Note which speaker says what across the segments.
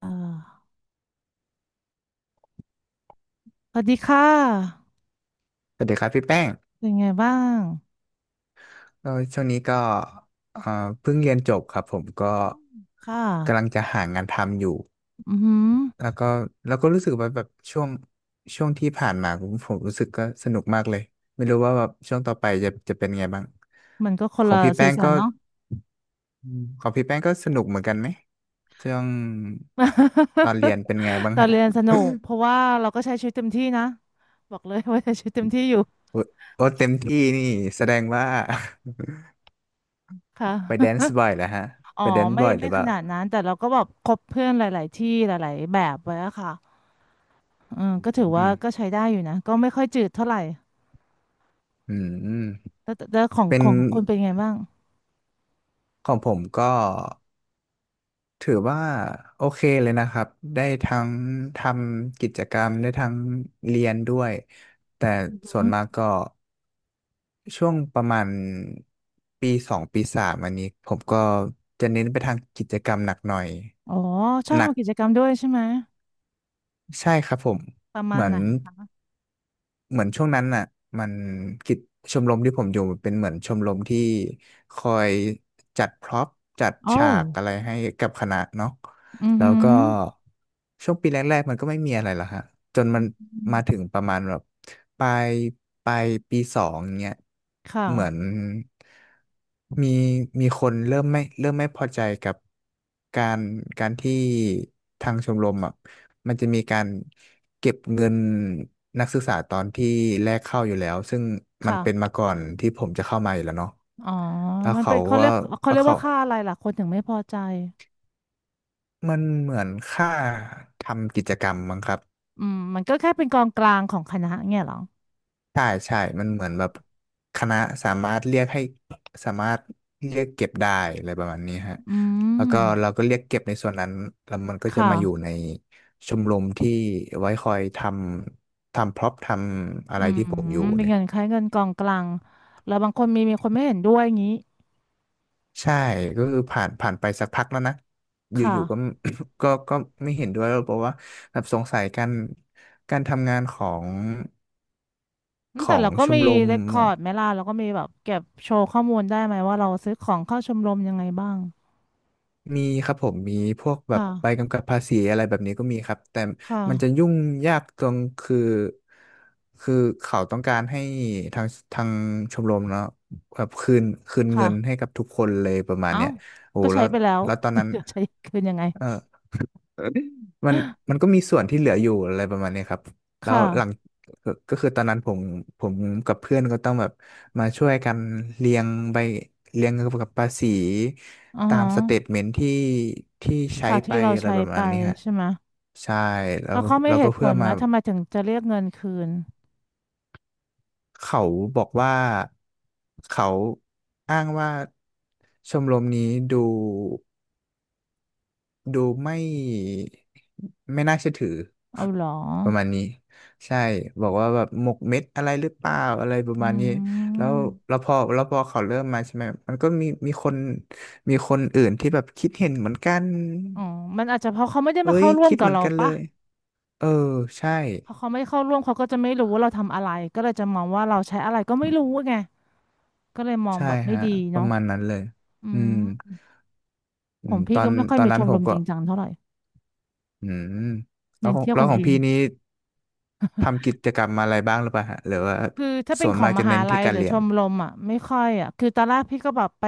Speaker 1: เอ่อสวัสดีค่ะ
Speaker 2: สวัสดีครับพี่แป้ง
Speaker 1: เป็นไงบ้าง
Speaker 2: ก็ช่วงนี้ก็เอ่อเพิ่งเรียนจบครับผมก็
Speaker 1: ค่ะ
Speaker 2: กำลังจะหางานทำอยู่
Speaker 1: อือหือ
Speaker 2: แล้วก็แล้วก็รู้สึกว่าแบบช่วงที่ผ่านมาผมรู้สึกก็สนุกมากเลย ไม่รู้ว่าแบบช่วงต่อไปจะเป็นไงบ้าง
Speaker 1: มันก็ค
Speaker 2: ข
Speaker 1: น
Speaker 2: อง
Speaker 1: ละ
Speaker 2: พี่
Speaker 1: สี
Speaker 2: แป้ง
Speaker 1: สั
Speaker 2: ก็
Speaker 1: นเนาะ
Speaker 2: อืมของพี่แป้งก็สนุกเหมือนกันไหมช่วงตอนเรี ยนเป็นไงบ้าง
Speaker 1: ตอน
Speaker 2: ฮะ
Speaker 1: เรียนสนุกเพราะว่าเราก็ใช้ชีวิตเต็มที่นะบอกเลยว่าใช้ชีวิตเต็มที่อยู่
Speaker 2: โอ้โอ้เต็มที่นี่แสดงว่า
Speaker 1: ค่ะ
Speaker 2: ไปแดนซ์บ่อยแล้วฮะ
Speaker 1: อ๋อ
Speaker 2: ไปแดนซ์
Speaker 1: ไม่
Speaker 2: บ่อยห
Speaker 1: ไม่
Speaker 2: รือเป
Speaker 1: ข
Speaker 2: ล่า
Speaker 1: นาดนั้นแต่เราก็แบบคบเพื่อนหลายๆที่หลายๆแบบไว้อะค่ะอืมก็ถือว่า
Speaker 2: อื
Speaker 1: ก็
Speaker 2: ม
Speaker 1: ใช้ได้อยู่นะก็ไม่ค่อยจืดเท่าไหร่
Speaker 2: อืม
Speaker 1: แล้วแต่แล้วของ
Speaker 2: เป็
Speaker 1: ข
Speaker 2: น
Speaker 1: องคุณเป็นไงบ้าง
Speaker 2: ของผมก็ถือว่าโอเคเลยนะครับได้ทั้งทำกิจกรรมได้ทั้งเรียนด้วยแต่ส่วน
Speaker 1: อืม
Speaker 2: มากก็ช่วงประมาณปีสองปีสามอันนี้ผมก็จะเน้นไปทางกิจกรรมหนักหน่อย
Speaker 1: อ๋อชอบ
Speaker 2: หนัก
Speaker 1: ทำกิจกรรมด้วยใช่ไหม
Speaker 2: ใช่ครับผม
Speaker 1: ประมา
Speaker 2: เห
Speaker 1: ณ
Speaker 2: มือ
Speaker 1: ไห
Speaker 2: น
Speaker 1: น
Speaker 2: เหมือนช่วงนั้นน่ะมันกิจชมรมที่ผมอยู่เป็นเหมือนชมรมที่คอยจัดพร็อพจัด
Speaker 1: โอ้
Speaker 2: ฉากอะไรให้กับคณะเนาะ
Speaker 1: อือ
Speaker 2: แล้
Speaker 1: หื
Speaker 2: วก็ช่วงปีแรกๆมันก็ไม่มีอะไรหรอกฮะจนมันมาถึ
Speaker 1: อ
Speaker 2: งประมาณแบบปลายปลายปีสองเงี้ย
Speaker 1: ค่ะ
Speaker 2: เหมือนมีมีคนเริ่มไม่เริ่มไม่พอใจกับการการที่ทางชมรมอ่ะมันจะมีการ เก็บเงินนักศึกษาตอนที่แรกเข้าอยู่แล้วซึ่งมันเป็น
Speaker 1: ค่ะ
Speaker 2: มาก่อนที่ผมจะเข้ามาอยู่แล้วเนาะ
Speaker 1: อ๋อ
Speaker 2: แล้ว
Speaker 1: มัน
Speaker 2: เขา
Speaker 1: เป็นเขา
Speaker 2: ก็
Speaker 1: เรียกเขา
Speaker 2: แล้
Speaker 1: เรี
Speaker 2: ว
Speaker 1: ยก
Speaker 2: เขา
Speaker 1: ว่าค่าอะไรล่ะคนถึงไม่พอใจ
Speaker 2: มันเหมือนค่าทำกิจกรรมมั้งครับ
Speaker 1: อืมมันก็แค่เป็นกองกลางของคณะเงี้ยเหรอ
Speaker 2: ใช่ใช่มันเหมือนแบบคณะสามารถเรียกให้สามารถเรียกเก็บได้อะไรประมาณนี้ฮะ
Speaker 1: อื
Speaker 2: แล้ว
Speaker 1: ม
Speaker 2: ก็เราก็เรียกเก็บในส่วนนั้นแล้วมันก็
Speaker 1: ค
Speaker 2: จะมาอยู่ใน
Speaker 1: ่ะ
Speaker 2: ชมรมที่ไว้คอยทำทำพร็อพทำอะ
Speaker 1: อื
Speaker 2: ไร
Speaker 1: ม
Speaker 2: ที่ผมอยู่
Speaker 1: เป็น
Speaker 2: เนี่ย
Speaker 1: เงินคล้ายเงินกองกลางแล้วบางคนมีคนไม่เห็นด้วยอย่างนี้
Speaker 2: ใช่ก็คือผ่านผ่านไปสักพักแล้วนะอ
Speaker 1: ค่ะ
Speaker 2: ยู่ๆก็ ก็ก็ไม่เห็นด้วยแล้วเพราะว่าแบบสงสัยการการทำงานของ
Speaker 1: อื
Speaker 2: ข
Speaker 1: มแต่
Speaker 2: อง
Speaker 1: เราก็
Speaker 2: ช
Speaker 1: มี
Speaker 2: มรม
Speaker 1: เรคคอร์ดไหมล่ะเราก็มีแบบเก็บโชว์ข้อมูลได้ไหมว่าเราซื้อของเข้าชมรมยังไงบ้าง
Speaker 2: มีครับผมมีพวกแบบใบ
Speaker 1: ค่ะ
Speaker 2: กำกับภาษีอะไรแบบนี้ก็มีครับแต่
Speaker 1: ค
Speaker 2: มันจะ
Speaker 1: ่ะ
Speaker 2: ยุ่งยากตรงคือคือเขาต้องการให้ทางทางชมรมเนาะแบบคืนคืนเงินให้
Speaker 1: ค่ะ
Speaker 2: กับทุกคนเลยประมาณ
Speaker 1: เอ้า
Speaker 2: เนี้ยโอ้
Speaker 1: ก็
Speaker 2: แล้
Speaker 1: ใช้
Speaker 2: ว
Speaker 1: ไปแล้ว
Speaker 2: แล้วตอนนั้น
Speaker 1: จะใช้คืนยังไง
Speaker 2: เออ มันมันก็มีส่วนที่เหลืออยู่อะไรประมาณนี้ครับ
Speaker 1: ค
Speaker 2: แล้วหลัง
Speaker 1: ่ะ
Speaker 2: ก็ก็คือตอนนั้นผมกับเพื่อนก็ต้องแบบมาช่วยกันเรียงใบเรียงเกี่ยวกับภาษี
Speaker 1: อ๋อ
Speaker 2: ตามสเตทเมนต์ที่ที่ใช้
Speaker 1: ค่ะ
Speaker 2: ไป
Speaker 1: ที่เรา
Speaker 2: อะไร
Speaker 1: ใช้
Speaker 2: ประ
Speaker 1: ไป
Speaker 2: มาณนี้ฮะ
Speaker 1: ใช่ไหม
Speaker 2: ใช่แล้
Speaker 1: แล้ว
Speaker 2: ว
Speaker 1: เขาไม่
Speaker 2: แล้ว
Speaker 1: เห
Speaker 2: ก็
Speaker 1: ตุผ
Speaker 2: เพื่อ
Speaker 1: ลไหม
Speaker 2: มา
Speaker 1: ทำไมถึงจะเรียกเงินคืน
Speaker 2: เขาบอกว่า เขาอ้างว่าชมรมนี้ดู ดูไม่ไม่น่าเชื่อถือ
Speaker 1: เอาเหรอ
Speaker 2: ประมาณนี้ใช่บอกว่าแบบหมกเม็ดอะไรหรือเปล่าอะไรประ
Speaker 1: อื
Speaker 2: มาณนี้แล้ว
Speaker 1: ม
Speaker 2: แล้วพอแล้วพอเขาเริ่มมาใช่ไหมมันก็มีมีคนมีคนอื่นที่แบบคิดเห็นเหมือนกัน
Speaker 1: อ๋อมันอาจจะเพราะเขาไม่ได้
Speaker 2: เอ้
Speaker 1: มา
Speaker 2: ย
Speaker 1: เข้าร่วม
Speaker 2: คิด
Speaker 1: กับ
Speaker 2: เหมือน
Speaker 1: เรา
Speaker 2: กันเล
Speaker 1: ปะ
Speaker 2: ยเออใช่
Speaker 1: พอเขาไม่เข้าร่วมเขาก็จะไม่รู้ว่าเราทำอะไรก็เลยจะมองว่าเราใช้อะไรก็ไม่รู้ไงก็เลยมอง
Speaker 2: ใช่
Speaker 1: แบบไม่
Speaker 2: ฮะ
Speaker 1: ดี
Speaker 2: ประ
Speaker 1: เนาะ
Speaker 2: มาณนั้นเลย
Speaker 1: อื
Speaker 2: อื
Speaker 1: ม
Speaker 2: มอื
Speaker 1: ของ
Speaker 2: มต
Speaker 1: พี่
Speaker 2: อ
Speaker 1: ก็
Speaker 2: น
Speaker 1: ไม่ค่อย
Speaker 2: ตอน
Speaker 1: มีช
Speaker 2: นั้น
Speaker 1: ม
Speaker 2: ผ
Speaker 1: ร
Speaker 2: ม
Speaker 1: มจ
Speaker 2: ก็
Speaker 1: ริงจังเท่าไหร่
Speaker 2: อืมแล้ว
Speaker 1: เน้น
Speaker 2: ของ
Speaker 1: เที่ยว
Speaker 2: แล้
Speaker 1: กั
Speaker 2: ว
Speaker 1: น
Speaker 2: ขอ
Speaker 1: เอ
Speaker 2: ง
Speaker 1: ง
Speaker 2: พี่นี้ทำกิจกรรมอะไรบ้างหรือเปล่าฮะหรือว่า
Speaker 1: คือถ้าเป็น
Speaker 2: ส่วน
Speaker 1: ขอ
Speaker 2: มา
Speaker 1: ง
Speaker 2: ก
Speaker 1: ม
Speaker 2: จะ
Speaker 1: หา
Speaker 2: เน้น
Speaker 1: ลั
Speaker 2: ที่
Speaker 1: ย
Speaker 2: กา
Speaker 1: ห
Speaker 2: ร
Speaker 1: รือ
Speaker 2: เรี
Speaker 1: ช
Speaker 2: ยน
Speaker 1: มรมอ่ะไม่ค่อยอ่ะคือตอนแรกพี่ก็แบบไป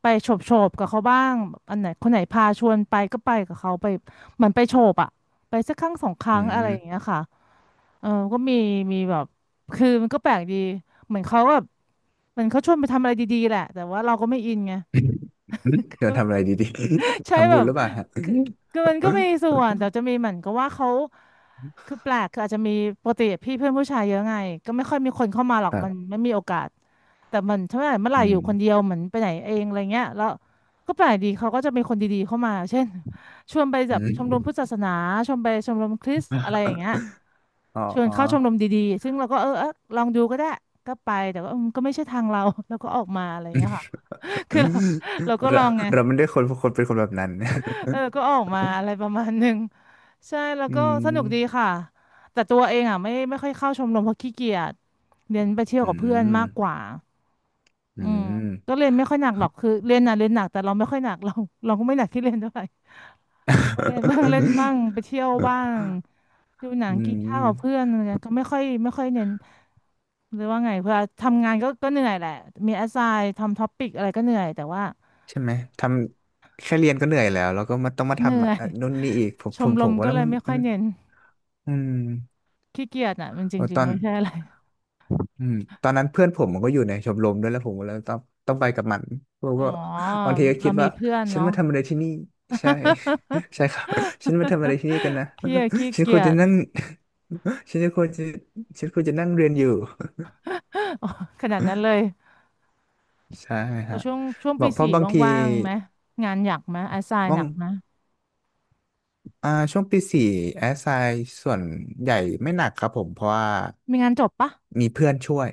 Speaker 1: ไปโฉบกับเขาบ้างแบบอันไหนคนไหนพาชวนไปก็ไปกับเขาไปเหมือนไปโฉบอ่ะไปสักครั้งสองค
Speaker 2: อื
Speaker 1: รั้งอะไรอย่างเงี้
Speaker 2: ม
Speaker 1: ยค่ะเออก็มีมีแบบคือมันก็แปลกดีเหมือนเขาแบบเหมือนเขาชวนไปทำอะไรดีๆแหละแต่ว่าเราก็ไม่อินไง
Speaker 2: เดทำอะไรดีๆ
Speaker 1: ใช่
Speaker 2: ทำ
Speaker 1: แบ
Speaker 2: บุญ
Speaker 1: บ
Speaker 2: หรือเปล่าฮะ
Speaker 1: คือคือมันก็มีส่วนแต่จะมีเหมือนกับว่าเขาคือแปลกคืออาจจะมีปกติพี่เพื่อนผู้ชายเยอะไงก็ไม่ค่อยมีคนเข้ามาหรอ
Speaker 2: ค
Speaker 1: ก
Speaker 2: รั
Speaker 1: มัน
Speaker 2: บ
Speaker 1: ไม่มีโอกาสแต่มันถ้าเมื่อไหร่
Speaker 2: อื
Speaker 1: อ
Speaker 2: ม
Speaker 1: ยู่คนเดียวเหมือนไปไหนเองอะไรเงี้ยแล้วก็แปลกดีเขาก็จะมีคนดีๆเข้ามาเช่นชวนไปแบ
Speaker 2: อื
Speaker 1: บชมรมพุทธ
Speaker 2: ม
Speaker 1: ศาสนาชวนไปชมรมคริสต์อะไรอย่างเงี้ย
Speaker 2: อ๋อ
Speaker 1: ชวน
Speaker 2: อ๋อ
Speaker 1: เข้าชมรมดีๆซึ่งเราก็เออเออลองดูก็ได้ก็ไปแต่ว่าอืมก็ไม่ใช่ทางเรา แล้วก็ออกมาอะไรอย่างเงี้ยค่ะ คือเราเราก็ล
Speaker 2: เรา
Speaker 1: องไง
Speaker 2: เราไม่ได้คนคนเป็นคนแบบนั้น
Speaker 1: เออก็ออกมาอะไร ประมาณหนึ่งใช่แล้ว
Speaker 2: อื
Speaker 1: ก็ส
Speaker 2: ม
Speaker 1: นุกดีค่ะแต่ตัวเองอ่ะไม่ค่อยเข้าชมรมเพราะขี้เกียจเรียนไปเที่ยว
Speaker 2: อื
Speaker 1: กับเพื่อน
Speaker 2: ม
Speaker 1: มากกว่า
Speaker 2: อื
Speaker 1: อืมก็
Speaker 2: ม
Speaker 1: เรียนไม่ค่อยหนักหรอกคือเรียนน่ะเรียนหนักแต่เราไม่ค่อยหนักเรา เราก็ไม่หนักที่เรียนเท่าไหร่เราก็เรียนบ้างเล่นบ้างไปเที่ยวบ้างดูหนั
Speaker 2: อื
Speaker 1: งกินข้าวกับเพื่อ
Speaker 2: ม
Speaker 1: นอะไรเงี้ยก็ไม่ค่อยเน้นหรือว่าไงเพื่อทำงานก็เหนื่อยแหละมีแอสไซน์ทำท็อปิกอะไรก็เหนื่อยแต่ว่า
Speaker 2: ใช่ไหม ทำแค่เรียนก็เหนื่อยแล้ว แล้วก็มาต้อง
Speaker 1: ก็
Speaker 2: มา
Speaker 1: เหนื่
Speaker 2: ทำ
Speaker 1: อ
Speaker 2: อ่ะ
Speaker 1: ย
Speaker 2: นู่นนี่อีก ผม
Speaker 1: ช
Speaker 2: ผ
Speaker 1: ม
Speaker 2: ม
Speaker 1: ร
Speaker 2: ผ
Speaker 1: ม
Speaker 2: มว่า
Speaker 1: ก็เลย
Speaker 2: มัน
Speaker 1: ไม่ค่
Speaker 2: มั
Speaker 1: อย
Speaker 2: น
Speaker 1: เน้น
Speaker 2: อืม
Speaker 1: ขี้เกียจน่ะมันจ
Speaker 2: โอ้
Speaker 1: ริ
Speaker 2: ต
Speaker 1: ง
Speaker 2: อ
Speaker 1: ๆ
Speaker 2: น
Speaker 1: ไม่ใช่อะไร
Speaker 2: อืมตอนนั้นเพื่อนผมมันก็อยู่ในชมรมด้วยแล้วผมก็เลยต้องไปกับมันผม
Speaker 1: อ๋อ
Speaker 2: ก็ บางทีก็
Speaker 1: เรา
Speaker 2: คิด
Speaker 1: มี
Speaker 2: ว่า
Speaker 1: เพื่อน
Speaker 2: ฉัน
Speaker 1: เนาะ
Speaker 2: มาทำอะไรที่นี่ใช่ ใช่ครับฉันมาทำอะไรที่นี่กัน นะ
Speaker 1: พี่อะขี้
Speaker 2: ฉันค
Speaker 1: เกี
Speaker 2: วร
Speaker 1: ย
Speaker 2: จะ
Speaker 1: จ
Speaker 2: นั่ง ฉันจะควรจะฉันควรจะนั่งเรียนอยู่
Speaker 1: อ๋อขนาดนั้นเลย
Speaker 2: ใช่
Speaker 1: พอ
Speaker 2: ฮะ
Speaker 1: ช่วง
Speaker 2: บอ
Speaker 1: ปี
Speaker 2: กเพราะ
Speaker 1: สี่
Speaker 2: บางที
Speaker 1: ว่างๆไหมงานหนักไหมอาไซ
Speaker 2: ม
Speaker 1: น์
Speaker 2: อ
Speaker 1: หนั
Speaker 2: ง
Speaker 1: กไหม
Speaker 2: อ่าช่วงปีสี่แอสไซน์ส่วนใหญ่ไม่หนักครับผมเพราะว่า
Speaker 1: มีงานจบปะ
Speaker 2: มีเพื่อนช่วย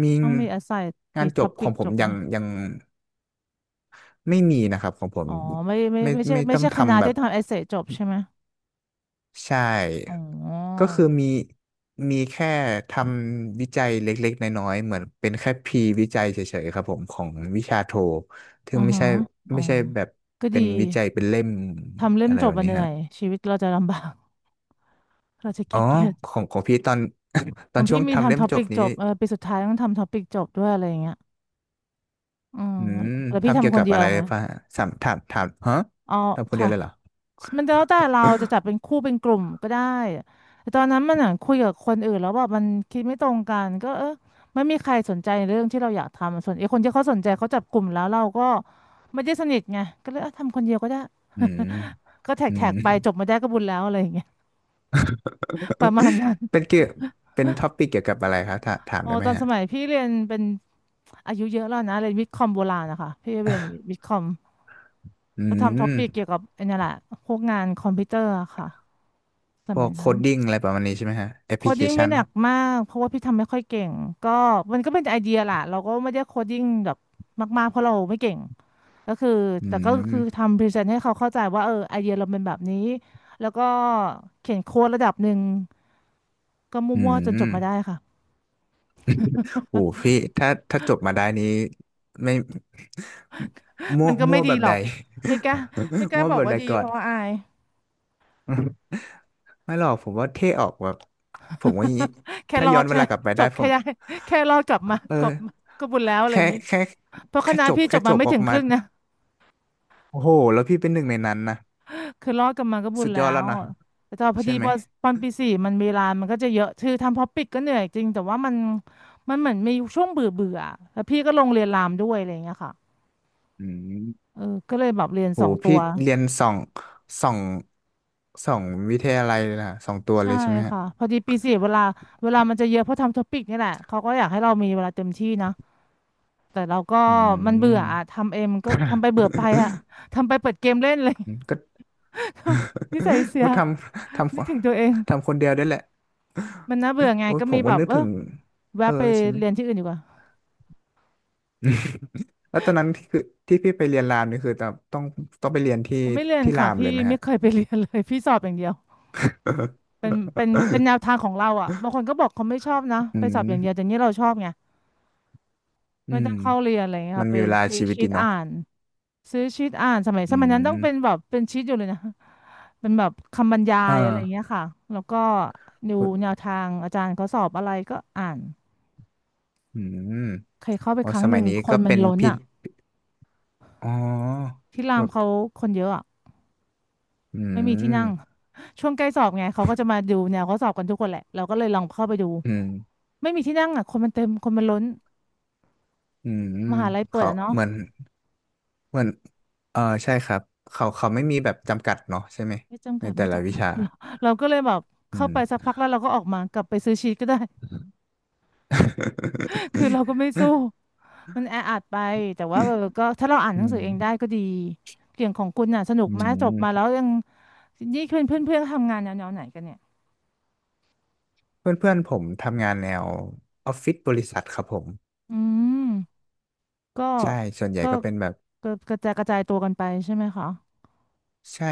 Speaker 2: มี
Speaker 1: ต้องมีอาไซน์
Speaker 2: งา
Speaker 1: มี
Speaker 2: นจ
Speaker 1: ท็อ
Speaker 2: บข
Speaker 1: ปิ
Speaker 2: อ
Speaker 1: ก
Speaker 2: งผ
Speaker 1: จ
Speaker 2: ม
Speaker 1: บไห
Speaker 2: ยั
Speaker 1: ม
Speaker 2: งยัง ไม่มีนะครับของผม
Speaker 1: อ๋อไม่ไม่
Speaker 2: ไม่
Speaker 1: ไม่ใช่
Speaker 2: ไม่
Speaker 1: ไม่
Speaker 2: ต้อง
Speaker 1: ใช่คณะ
Speaker 2: ทำแบ
Speaker 1: ที่
Speaker 2: บ
Speaker 1: ทำเอเซจบใช่ไหม
Speaker 2: ใช
Speaker 1: อ๋
Speaker 2: ่ก็
Speaker 1: อ
Speaker 2: คือมีมีแค่ทำวิจัยเล็กๆน้อยๆเหมือนเป็นแค่พรีวิจัยเฉยๆครับผมของวิชาโทถึ
Speaker 1: อื
Speaker 2: ง
Speaker 1: อ
Speaker 2: ไม่
Speaker 1: ฮะ
Speaker 2: ใช่
Speaker 1: อ๋อ
Speaker 2: ไม่ใช่แบบ
Speaker 1: ก็
Speaker 2: เป็
Speaker 1: ดี
Speaker 2: นวิจัยเป็นเล่ม
Speaker 1: ทำเล่ม
Speaker 2: อะไร
Speaker 1: จ
Speaker 2: แบ
Speaker 1: บ
Speaker 2: บ
Speaker 1: อะ
Speaker 2: นี้
Speaker 1: เหนื่อ
Speaker 2: ฮะ
Speaker 1: ยชีวิตเราจะลำบาก เราจะ
Speaker 2: อ๋อ
Speaker 1: ขี้เกียจ
Speaker 2: ของของพี่ตอนต
Speaker 1: ข
Speaker 2: อ
Speaker 1: อ
Speaker 2: น
Speaker 1: ง
Speaker 2: ช่ว
Speaker 1: พี่
Speaker 2: ง
Speaker 1: มี
Speaker 2: ทำเล่
Speaker 1: ทำ
Speaker 2: ม
Speaker 1: ท็อ
Speaker 2: จ
Speaker 1: ปิ
Speaker 2: บ
Speaker 1: ก
Speaker 2: นี้
Speaker 1: จบเออปีสุดท้ายต้องทำท็อปิกจบด้วยอะไรอย่างเงี้ยอืม
Speaker 2: อืม
Speaker 1: แล้วพี่
Speaker 2: ทำเกี่ย
Speaker 1: ทำ
Speaker 2: ว
Speaker 1: คน
Speaker 2: กับ
Speaker 1: เดีย
Speaker 2: อะ
Speaker 1: ว
Speaker 2: ไร
Speaker 1: ไง
Speaker 2: ป่ะสามถามถามฮะ
Speaker 1: อ๋อ
Speaker 2: ทำคนเดีย
Speaker 1: ค่ะ
Speaker 2: วเลยเหรอ
Speaker 1: มันแล้วแต่เราจะจับเป็นคู่เป็นกลุ่มก็ได้แต่ตอนนั้นมันอ่ะคุยกับคนอื่นแล้วแบบมันคิดไม่ตรงกันก็เออไม่มีใครสนใจเรื่องที่เราอยากทำส่วนไอ้คนที่เขาสนใจเขาจับกลุ่มแล้วเราก็ไม่ได้สนิทไงก็เลยเออทำคนเดียวก็ได้
Speaker 2: อืม
Speaker 1: ก็แท็ก
Speaker 2: อื
Speaker 1: แท็
Speaker 2: ม
Speaker 1: กไปจบมาได้ก็บุญแล้วอะไรอย่างเงี้ยประมาณนั้น
Speaker 2: เป็นเกี่ยวเป็นท็อปิกเกี่ยวกับอะไรครับถาถาม
Speaker 1: อ๋อ
Speaker 2: ได้ไห
Speaker 1: ต
Speaker 2: ม
Speaker 1: อนส
Speaker 2: ฮะ
Speaker 1: มัยพี่เรียนเป็นอายุเยอะแล้วนะเรียนวิทย์คอมโบราณนะคะพี่เรียนวิทย์คอม
Speaker 2: อื
Speaker 1: ก็ทำท็อ
Speaker 2: ม
Speaker 1: ปิกเกี่ยวกับไอ้นี่แหละพวกงานคอมพิวเตอร์อะค่ะส
Speaker 2: พว
Speaker 1: มัย
Speaker 2: กโค
Speaker 1: นั้น
Speaker 2: ดดิ้งอะไรประมาณนี้ใช่ไหมฮะแอป
Speaker 1: โค
Speaker 2: พลิ
Speaker 1: ด
Speaker 2: เค
Speaker 1: ดิ้งไม่
Speaker 2: ชัน
Speaker 1: หนักมากเพราะว่าพี่ทำไม่ค่อยเก่งก็มันก็เป็นไอเดียแหละเราก็ไม่ได้โคดดิ้งแบบมากๆเพราะเราไม่เก่งก็คือ
Speaker 2: อื
Speaker 1: แต่ก็คือ
Speaker 2: ม
Speaker 1: ทำพรีเซนต์ให้เขาเข้าใจว่าเออไอเดียเราเป็นแบบนี้แล้วก็เขียนโค้ดระดับหนึ่งก็
Speaker 2: อื
Speaker 1: มั่วๆจนจ
Speaker 2: ม
Speaker 1: บมาได้ค่ะ
Speaker 2: โอ้พี่ถ้าถ้าจบมาได้นี้ไม่ มั่
Speaker 1: มั
Speaker 2: ว
Speaker 1: นก็
Speaker 2: มั่
Speaker 1: ไม่
Speaker 2: ว
Speaker 1: ดี
Speaker 2: แบบ
Speaker 1: หร
Speaker 2: ใด
Speaker 1: อกไม่กล้าไม่ก ล้า
Speaker 2: มั่ว
Speaker 1: บอ
Speaker 2: แบ
Speaker 1: ก
Speaker 2: บ
Speaker 1: ว่า
Speaker 2: ใด
Speaker 1: ดี
Speaker 2: ก่อ
Speaker 1: เพ
Speaker 2: น
Speaker 1: ราะว่าอาย
Speaker 2: ไม่หรอกผมว่าเท่ออกแบบผมว่าอย่างนี้
Speaker 1: แค่
Speaker 2: ถ้า
Speaker 1: รอ
Speaker 2: ย้อ
Speaker 1: ด
Speaker 2: นเว
Speaker 1: ใช่ไหม
Speaker 2: ลากลับไป
Speaker 1: จ
Speaker 2: ได้
Speaker 1: บ
Speaker 2: ผ
Speaker 1: แค่
Speaker 2: ม
Speaker 1: ได้ แค่รอดกลับมากลับ
Speaker 2: เออ
Speaker 1: ก็บุญแล้วอะไรอ
Speaker 2: แค่
Speaker 1: ย่างนี้
Speaker 2: แค่
Speaker 1: เพราะค
Speaker 2: แค่
Speaker 1: ณะ
Speaker 2: จบ
Speaker 1: พี่จ
Speaker 2: แค่
Speaker 1: บ
Speaker 2: จ
Speaker 1: มา
Speaker 2: บ
Speaker 1: ไม่
Speaker 2: ออก
Speaker 1: ถึงค
Speaker 2: มา
Speaker 1: รึ่งนะ
Speaker 2: โอ้โหแล้วพี่เป็นหนึ่งในนั้นนะ
Speaker 1: คือรอดกลับมาก็บุญ
Speaker 2: สุดย
Speaker 1: แล้
Speaker 2: อดแล้
Speaker 1: ว
Speaker 2: วนะ
Speaker 1: แต่ตอนพอดี
Speaker 2: ใช่ไหม
Speaker 1: พอตอนปีสี่มันเวลามันก็จะเยอะคือทำพอปิดก็เหนื่อยจริงแต่ว่ามันเหมือนมีช่วงเบื่อเบื่อแล้วพี่ก็ลงเรียนรามด้วยอะไรอย่างเงี้ยค่ะ
Speaker 2: อืม
Speaker 1: เออก็เลยแบบเรียน
Speaker 2: โห
Speaker 1: สองตั
Speaker 2: พี่
Speaker 1: ว
Speaker 2: เรียนสองสองวิทยาลัยเลยนะสองตัวเล
Speaker 1: ใช่
Speaker 2: ยใช่ไหมฮะ
Speaker 1: ค่ะพอดีปีสี่เวลาเวลามันจะเยอะเพราะทำท็อปิกนี่แหละเขาก็อยากให้เรามีเวลาเต็มที่นะแต่เราก็
Speaker 2: อื
Speaker 1: มันเบื่
Speaker 2: ม
Speaker 1: ออะทำเองมันก็ทำไปเบื่อไปอะ ทำไปเปิดเกมเล่นเลย
Speaker 2: อืมก็
Speaker 1: นิสัยเสี ย
Speaker 2: ก็ำท
Speaker 1: นึกถึงตัวเอง
Speaker 2: ทำคนเดียวได้แหละ
Speaker 1: มันน่าเบื่อไง
Speaker 2: โอ้ย
Speaker 1: ก็
Speaker 2: ผ
Speaker 1: มี
Speaker 2: ม
Speaker 1: แบ
Speaker 2: ก็
Speaker 1: บ
Speaker 2: นึก
Speaker 1: เออ
Speaker 2: ถึง
Speaker 1: แวะ
Speaker 2: เออ
Speaker 1: ไป
Speaker 2: ใช่ไหม
Speaker 1: เรียนที่อื่นดีกว่า
Speaker 2: แล้วตอนนั้นที่คือที่พี่ไปเรียนรามนี่คือต้องไปเรียนที่
Speaker 1: ผมไม่เรียน
Speaker 2: ที่รา
Speaker 1: ค่ะ
Speaker 2: ม
Speaker 1: พี่
Speaker 2: เลยไหม
Speaker 1: ไม่
Speaker 2: ฮะ
Speaker 1: เคยไปเรียนเลยพี่สอบอย่างเดียวเป็นแนว ทางของเราอ่ะบางคนก็บอกเขาไม่ชอบนะ
Speaker 2: อื
Speaker 1: ไปสอบ
Speaker 2: ม
Speaker 1: อย่างเดียวแต่นี่เราชอบไง
Speaker 2: อื
Speaker 1: ไม่
Speaker 2: ม
Speaker 1: ต้องเข้าเรียนอะไรอย่างเงี้ย
Speaker 2: มัน
Speaker 1: ค่ะ
Speaker 2: มี
Speaker 1: ไป
Speaker 2: เวลา
Speaker 1: ซื้อ
Speaker 2: ชีวิต
Speaker 1: ชี
Speaker 2: ดี
Speaker 1: ต
Speaker 2: เนาะ
Speaker 1: อ่านซื้อชีตอ่านสมัย
Speaker 2: อื
Speaker 1: สมัยนั้นต้อง
Speaker 2: ม
Speaker 1: เป็นแบบเป็นชีตอยู่เลยนะเป็นแบบคำบรรยา
Speaker 2: อ่
Speaker 1: ยอะไรอย่างเงี้ย
Speaker 2: า
Speaker 1: ค่ะแล้วก็ดู
Speaker 2: พู
Speaker 1: แน
Speaker 2: ด
Speaker 1: วทางอาจารย์เขาสอบอะไรก็อ่าน
Speaker 2: อืม
Speaker 1: เคยเข้าไป
Speaker 2: โอ้
Speaker 1: ครั้
Speaker 2: ส
Speaker 1: งห
Speaker 2: มัย
Speaker 1: นึ่ง
Speaker 2: นี้
Speaker 1: ค
Speaker 2: ก็
Speaker 1: นมัน
Speaker 2: เป็น
Speaker 1: ล้น
Speaker 2: พี่
Speaker 1: อ่ะ
Speaker 2: อ๋อ
Speaker 1: ที่ราม
Speaker 2: แบบ
Speaker 1: เขาคนเยอะอ่ะ
Speaker 2: อื
Speaker 1: ไม่มีที่
Speaker 2: ม
Speaker 1: นั่ง ช่วงใกล้สอบไงเขาก็จะมาดูแนวเขาสอบกันทุกคนแหละเราก็เลยลองเข้าไปดู
Speaker 2: อืม
Speaker 1: ไม่มีที่นั่งอ่ะคนมันเต็มคนมันล้น
Speaker 2: อื
Speaker 1: ม
Speaker 2: ม
Speaker 1: หาลัยเปิด
Speaker 2: เขา
Speaker 1: อ่ะเนาะ
Speaker 2: เหมือนเออใช่ครับเขาไม่มีแบบจำกัดเนาะใช่ไหม
Speaker 1: ไม่จำ
Speaker 2: ใน
Speaker 1: กัด
Speaker 2: แต่
Speaker 1: ไม่
Speaker 2: ละ
Speaker 1: จำ
Speaker 2: วิ
Speaker 1: กัด
Speaker 2: ชา
Speaker 1: เราเราก็เลยแบบ
Speaker 2: อื
Speaker 1: เข้า
Speaker 2: ม
Speaker 1: ไปสักพักแล้วเราก็ออกมากลับไปซื้อชีทก็ได้ คือเราก็ไม่สู้มันแออัดไปแต่ว่าเออก็ถ้าเราอ่าน
Speaker 2: อื
Speaker 1: หนังสื
Speaker 2: ม
Speaker 1: อเองได้ก็ดีเกี่ยงของคุณน่ะสนุก
Speaker 2: อื
Speaker 1: ไหมจบมาแล้
Speaker 2: ม
Speaker 1: วยังนี่เพื่อนเพื่อนเพื่อนทำงานแนวๆไหนกันเนี่ย
Speaker 2: เพื่อนเพื่อนผมทำงานแนวออฟฟิศบริษัทครับผม
Speaker 1: อืมก็
Speaker 2: ใช่ส่วนใหญ่
Speaker 1: ก็
Speaker 2: ก็เป็นแบบ
Speaker 1: ก็กระจายตัวกันไปใช่ไหมคะ
Speaker 2: ใช่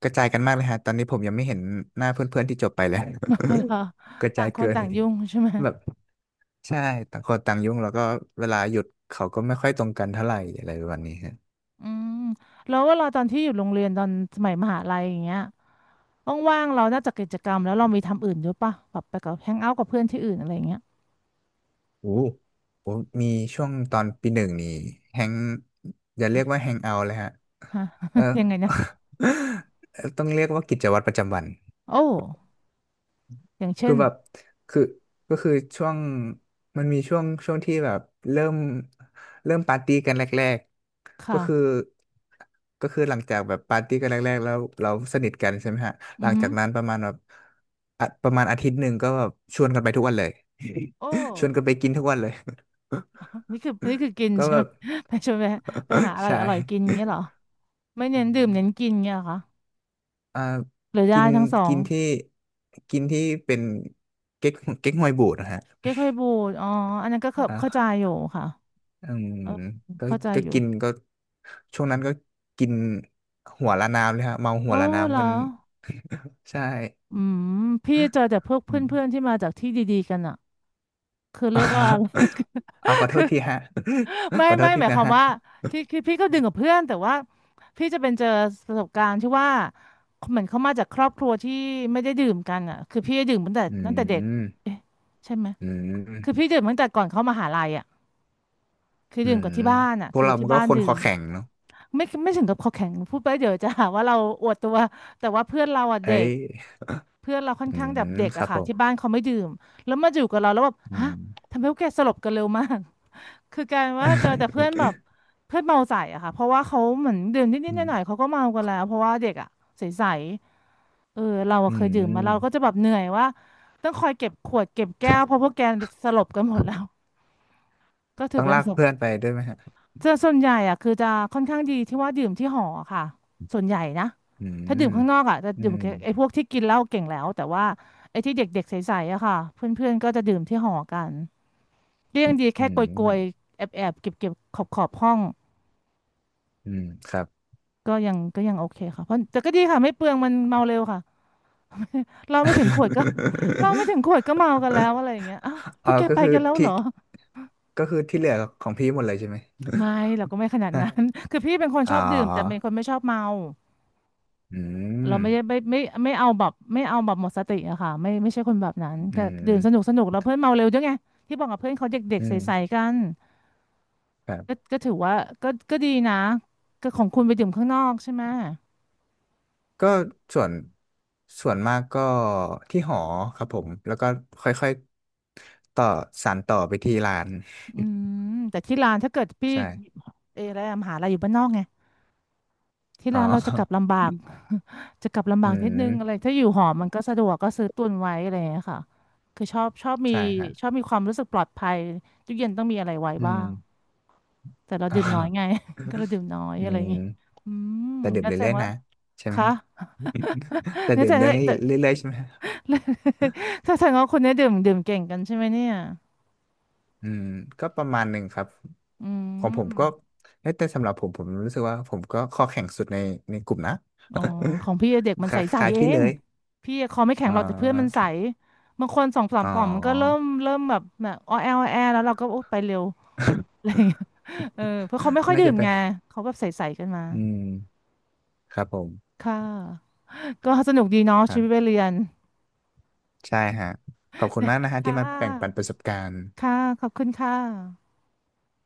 Speaker 2: กระจายกันมากเลยฮะตอนนี้ผมยังไม่เห็นหน้าเพื่อนเพื่อนที่จบไปเลย
Speaker 1: อ๋อเหรอ
Speaker 2: กระ
Speaker 1: ต่า
Speaker 2: จา
Speaker 1: ง
Speaker 2: ย
Speaker 1: คน
Speaker 2: เกิน
Speaker 1: ต่างยุ่งใช่ไหม
Speaker 2: แบบ ใช่ต่างคนต่างยุ่งแล้วก็เวลาหยุดเขาก็ไม่ค่อยตรงกันเท่าไหร่อะไรประมาณนี้ฮะ
Speaker 1: อืมแล้วเวลาตอนที่อยู่โรงเรียนตอนสมัยมหาลัยอย่างเงี้ยว่างๆเรานอกจากกิจกรรมแล้วเรามีทำอื่นด้วยปะแบบไปกับแฮงเอาท์กับเพื่อนที่อื่นอะไรอย่างเงี้ย
Speaker 2: โอ้โอ้มีช่วงตอนปีหนึ่งนี่แฮงอย่าเรียกว่าแฮงเอาเลยฮะ
Speaker 1: ฮะ
Speaker 2: เออ
Speaker 1: ยังไงนะ
Speaker 2: ต้องเรียกว่ากิจวัตรประจำวัน
Speaker 1: โอ้อย่างเช่
Speaker 2: คือ
Speaker 1: น
Speaker 2: แบบคือก็คือช่วงมันมีช่วงที่แบบเริ่มเริ่มปาร์ตี้กันแรกๆก็
Speaker 1: ค่ะ
Speaker 2: คือก็คือหลังจากแบบปาร์ตี้กันแรกๆแล้วเราสนิทกันใช่ไหมฮะห
Speaker 1: อื
Speaker 2: ลั
Speaker 1: อ
Speaker 2: ง
Speaker 1: หื
Speaker 2: จา
Speaker 1: อ
Speaker 2: กนั้นประมาณแบบอะประมาณอาทิตย์หนึ่งก็แบบชวนกันไปทุกวันเลย
Speaker 1: โอ้
Speaker 2: ชวนกันไปกินทุกวันเลย
Speaker 1: นี่คือกิน
Speaker 2: ก็
Speaker 1: ใช่
Speaker 2: แบ
Speaker 1: ไหม
Speaker 2: บ
Speaker 1: ไปชวนไปไปหา อร่อย
Speaker 2: ใช่
Speaker 1: อร่อยกินอย่างเงี้ยเหรอไม่
Speaker 2: อื
Speaker 1: เน้นดื่ม
Speaker 2: ม
Speaker 1: เน้นกินเงี้ยเหรอคะ
Speaker 2: อ่า
Speaker 1: หรือได้
Speaker 2: กิน
Speaker 1: ทั้งสอ
Speaker 2: กิ
Speaker 1: ง
Speaker 2: นที่กินที่เป็นเก๊กเก๊กฮวยบูดนะฮะ
Speaker 1: เก๊กฮวยบูดอ๋ออันนั้นก็เข้าใจ
Speaker 2: อ่า
Speaker 1: อยู่ค่ะ
Speaker 2: อืม
Speaker 1: เออ
Speaker 2: ก็
Speaker 1: เข้าใจ
Speaker 2: ก็
Speaker 1: อยู่
Speaker 2: กินก็ช่วงนั้นก็กินหัวละน้ำเลยฮะเมาหั
Speaker 1: โอ้
Speaker 2: วละ
Speaker 1: เหร
Speaker 2: น้ำ
Speaker 1: อ
Speaker 2: กันใช่
Speaker 1: อืมพี่เจอแต่พวกเพ
Speaker 2: อืม
Speaker 1: ื่อนๆที่มาจากที่ดีๆกันอะคือเรียกว่าอะไร
Speaker 2: เอาขอโทษทีฮะ
Speaker 1: ไม่
Speaker 2: ขอโท
Speaker 1: ไม่
Speaker 2: ษที
Speaker 1: หมายค
Speaker 2: นะ
Speaker 1: วาม
Speaker 2: ฮะ
Speaker 1: ว่าที่คือพี่ก็ดึงกับเพื่อนแต่ว่าพี่จะเป็นเจอประสบการณ์ที่ว่าเหมือนเขามาจากครอบครัวที่ไม่ได้ดื่มกันอะคือพี่ดื่มตั้งแต่
Speaker 2: อื
Speaker 1: ตั้งแต่เด็ก
Speaker 2: ม
Speaker 1: เอ๊ะใช่ไหม
Speaker 2: อื
Speaker 1: คือ
Speaker 2: ม
Speaker 1: พี่ดื่มตั้งแต่ก่อนเข้ามหาลัยอะคือ
Speaker 2: อื
Speaker 1: ดื่มกับ
Speaker 2: ม
Speaker 1: ที่บ้านอะ
Speaker 2: พวก
Speaker 1: คือ
Speaker 2: เรามั
Speaker 1: ที่
Speaker 2: นก็
Speaker 1: บ้าน
Speaker 2: คน
Speaker 1: ดื่
Speaker 2: คอ
Speaker 1: ม
Speaker 2: แข็งเนาะ
Speaker 1: ไม่ถึงกับคอแข็งพูดไปเดี๋ยวจะหาว่าเราอวดตัวแต่ว่าเพื่อนเราอะ
Speaker 2: เอ้
Speaker 1: เด็
Speaker 2: ย
Speaker 1: ก เพื่อนเราค่อ
Speaker 2: อื
Speaker 1: นข้างแบบ
Speaker 2: ม
Speaker 1: เด็ก
Speaker 2: ครั
Speaker 1: อะ
Speaker 2: บผ
Speaker 1: ค่ะที่บ้า
Speaker 2: ม
Speaker 1: นเขาไม่ดื่มแล้วมาอยู่กับเราแล้วแบบ
Speaker 2: อื
Speaker 1: ฮะ
Speaker 2: ม
Speaker 1: ทำไมพวกแกสลบกันเร็วมาก คือกลารว่าเจอแต่เพื่อนแบบ เพื่อนเมาใส่อะค่ะเพราะว่าเขาเหมือนดื่มนิด
Speaker 2: อื
Speaker 1: ๆห
Speaker 2: ม
Speaker 1: น่อยๆเขาก็เมากันแล้วเพราะว่าเด็กอะใสๆเออเราอะ
Speaker 2: อื
Speaker 1: เคยดื่มมา
Speaker 2: ม
Speaker 1: เราก็จะแบบเหนื่อยว่าต้องคอยเก็บขวดเก็บแก้วเพราะพวกแกสลบกันหมดแล้วก็ถื
Speaker 2: ต้
Speaker 1: อ
Speaker 2: อง
Speaker 1: เป็นป
Speaker 2: ลาก
Speaker 1: ระสบ
Speaker 2: เพื่อนไปด้วยไหมฮะ
Speaker 1: จะส่วนใหญ่อะคือจะค่อนข้างดีที่ว่าดื่มที่หอค่ะส่วนใหญ่นะ
Speaker 2: อื
Speaker 1: ถ้าดื่ม
Speaker 2: ม
Speaker 1: ข้างนอกอะจะ
Speaker 2: อื
Speaker 1: ดื่ม
Speaker 2: ม
Speaker 1: กับไอ้พวกที่กินเหล้าเก่งแล้วแต่ว่าไอ้ที่เด็กๆใสๆอะค่ะเพื่อนๆก็จะดื่มที่หอกันก็ยังดี
Speaker 2: อื
Speaker 1: แค่โกย
Speaker 2: ม
Speaker 1: ๆแอบๆเก็บๆขอบๆห้อง
Speaker 2: อืมครับ
Speaker 1: ก็ยังโอเคค่ะเพราะแต่ก็ดีค่ะไม่เปลืองมันเมาเร็วค่ะเราไม่ถึงขวดก็ เราไม่ถึงขวดก็เมากันแล้ว อะไรอย่างเงี้ยอ้าวพ
Speaker 2: อ๋
Speaker 1: ว
Speaker 2: อ
Speaker 1: กแกครับ
Speaker 2: ก็
Speaker 1: ไป
Speaker 2: คือ
Speaker 1: กันแล้วเห
Speaker 2: ที่
Speaker 1: รอ
Speaker 2: ก็คือที่เหลือของพี่หมดเลยใช่ไหม
Speaker 1: ไม่เราก็ไม่ขนาด
Speaker 2: ฮะ
Speaker 1: นั้น คือพี่เป็นคน
Speaker 2: อ๋
Speaker 1: ช
Speaker 2: อ
Speaker 1: อบดื่มแต่เป็นคนไม่ชอบเมา
Speaker 2: อื
Speaker 1: เรา
Speaker 2: ม
Speaker 1: ไม่ได้ไม่เอาแบบไม่เอาแบบหมดสติอะค่ะไม่ใช่คนแบบนั้น
Speaker 2: อื
Speaker 1: ก็ดื่มสนุก
Speaker 2: ม
Speaker 1: สนุกแล้วเพื่อนเมาเร็วด้วยไงที่บอกกับเพื่อนเขาเด็กๆ
Speaker 2: อืม
Speaker 1: ใสๆกัน
Speaker 2: ครั
Speaker 1: ก็
Speaker 2: บ
Speaker 1: ก็ถือว่าก็ก็ดีนะก็ของคุณไปดื่มข้างนอกใช่ไหม
Speaker 2: ก็ส่วนส่วนมากก็ที่หอครับผมแล้วก็ค่อยๆต่อสานต่อไปที่ร้าน
Speaker 1: อืมแต่ที่ร้านถ้าเกิด พี่
Speaker 2: ใช่
Speaker 1: เอออะไรอะมหาลัยอยู่บ้านนอกไงที่
Speaker 2: อ๋อ
Speaker 1: ร้านเราจะกลับลำบาก จะกลับลำ
Speaker 2: อื
Speaker 1: บากนิดนึ
Speaker 2: ม
Speaker 1: งอะไรถ้าอยู่หอมันก็สะดวกก็ซื้อตุนไว้อะไรอย่างเงี้ยค่ะคือชอบมี
Speaker 2: ใช่ฮะ
Speaker 1: ชอบมีความรู้สึกปลอดภัยทุกเย็นต้องมีอะไรไว้
Speaker 2: อื
Speaker 1: บ้า
Speaker 2: ม
Speaker 1: ง แต่เรา
Speaker 2: อ๋อ
Speaker 1: ดื่มน้อยไง ก็เราดื่มน้อย
Speaker 2: อื
Speaker 1: อะไรอย่างงี้
Speaker 2: ม
Speaker 1: อืม
Speaker 2: แต่ดื่ม
Speaker 1: งั้นแสด
Speaker 2: เรื่อ
Speaker 1: ง
Speaker 2: ยๆ
Speaker 1: ว่า
Speaker 2: นะใช่ไหม
Speaker 1: คะ
Speaker 2: ฮะแต่
Speaker 1: งั้น
Speaker 2: ดื่
Speaker 1: แส
Speaker 2: ม
Speaker 1: ดง
Speaker 2: เรื่
Speaker 1: ว่าแต่
Speaker 2: อยๆใช่ไหมฮะ
Speaker 1: ถ้าแสดงว่าคนเนี้ยดื่มเก่งกันใช่ไหมเนี่ย
Speaker 2: อืมก็ประมาณหนึ่งครับ
Speaker 1: อื
Speaker 2: ของผมก็
Speaker 1: ม
Speaker 2: เอ้ยแต่สำหรับผมผมรู้สึกว่าผมก็ข้อแข็งสุดในในกลุ่มนะ
Speaker 1: อ๋อของพี่เด็กมั น
Speaker 2: ค
Speaker 1: ใส
Speaker 2: ล้าย
Speaker 1: ๆเอ
Speaker 2: ๆพี่เล
Speaker 1: ง
Speaker 2: ย
Speaker 1: พี่คอไม่แข็ง
Speaker 2: อ๋
Speaker 1: หรอกแต่เพื่อนมันใส
Speaker 2: อ
Speaker 1: บางคนสองสาม
Speaker 2: อ๋อ
Speaker 1: ป่อมมันก็เริ่มแบบแบบอ้อแออ้อแอแล้วเราก็โอไปเร็ว อะไรอย่างเงี้ยเออเพราะเขาไม่ ค่อย
Speaker 2: น่า
Speaker 1: ดื่
Speaker 2: จะ
Speaker 1: มไง
Speaker 2: ไป
Speaker 1: เขาแบบใสๆกันมา
Speaker 2: อืมครับผม
Speaker 1: ค่ะก็สนุกดีเนาะ
Speaker 2: ครั
Speaker 1: ชีวิตวั
Speaker 2: บ
Speaker 1: ยเรียน
Speaker 2: ใช่ฮะ ขอบคุณมากนะ ฮะ
Speaker 1: ค่
Speaker 2: ที่มาแบ่งปันป
Speaker 1: ะ
Speaker 2: ระสบการณ์
Speaker 1: ค่ะขอบคุณค่ะ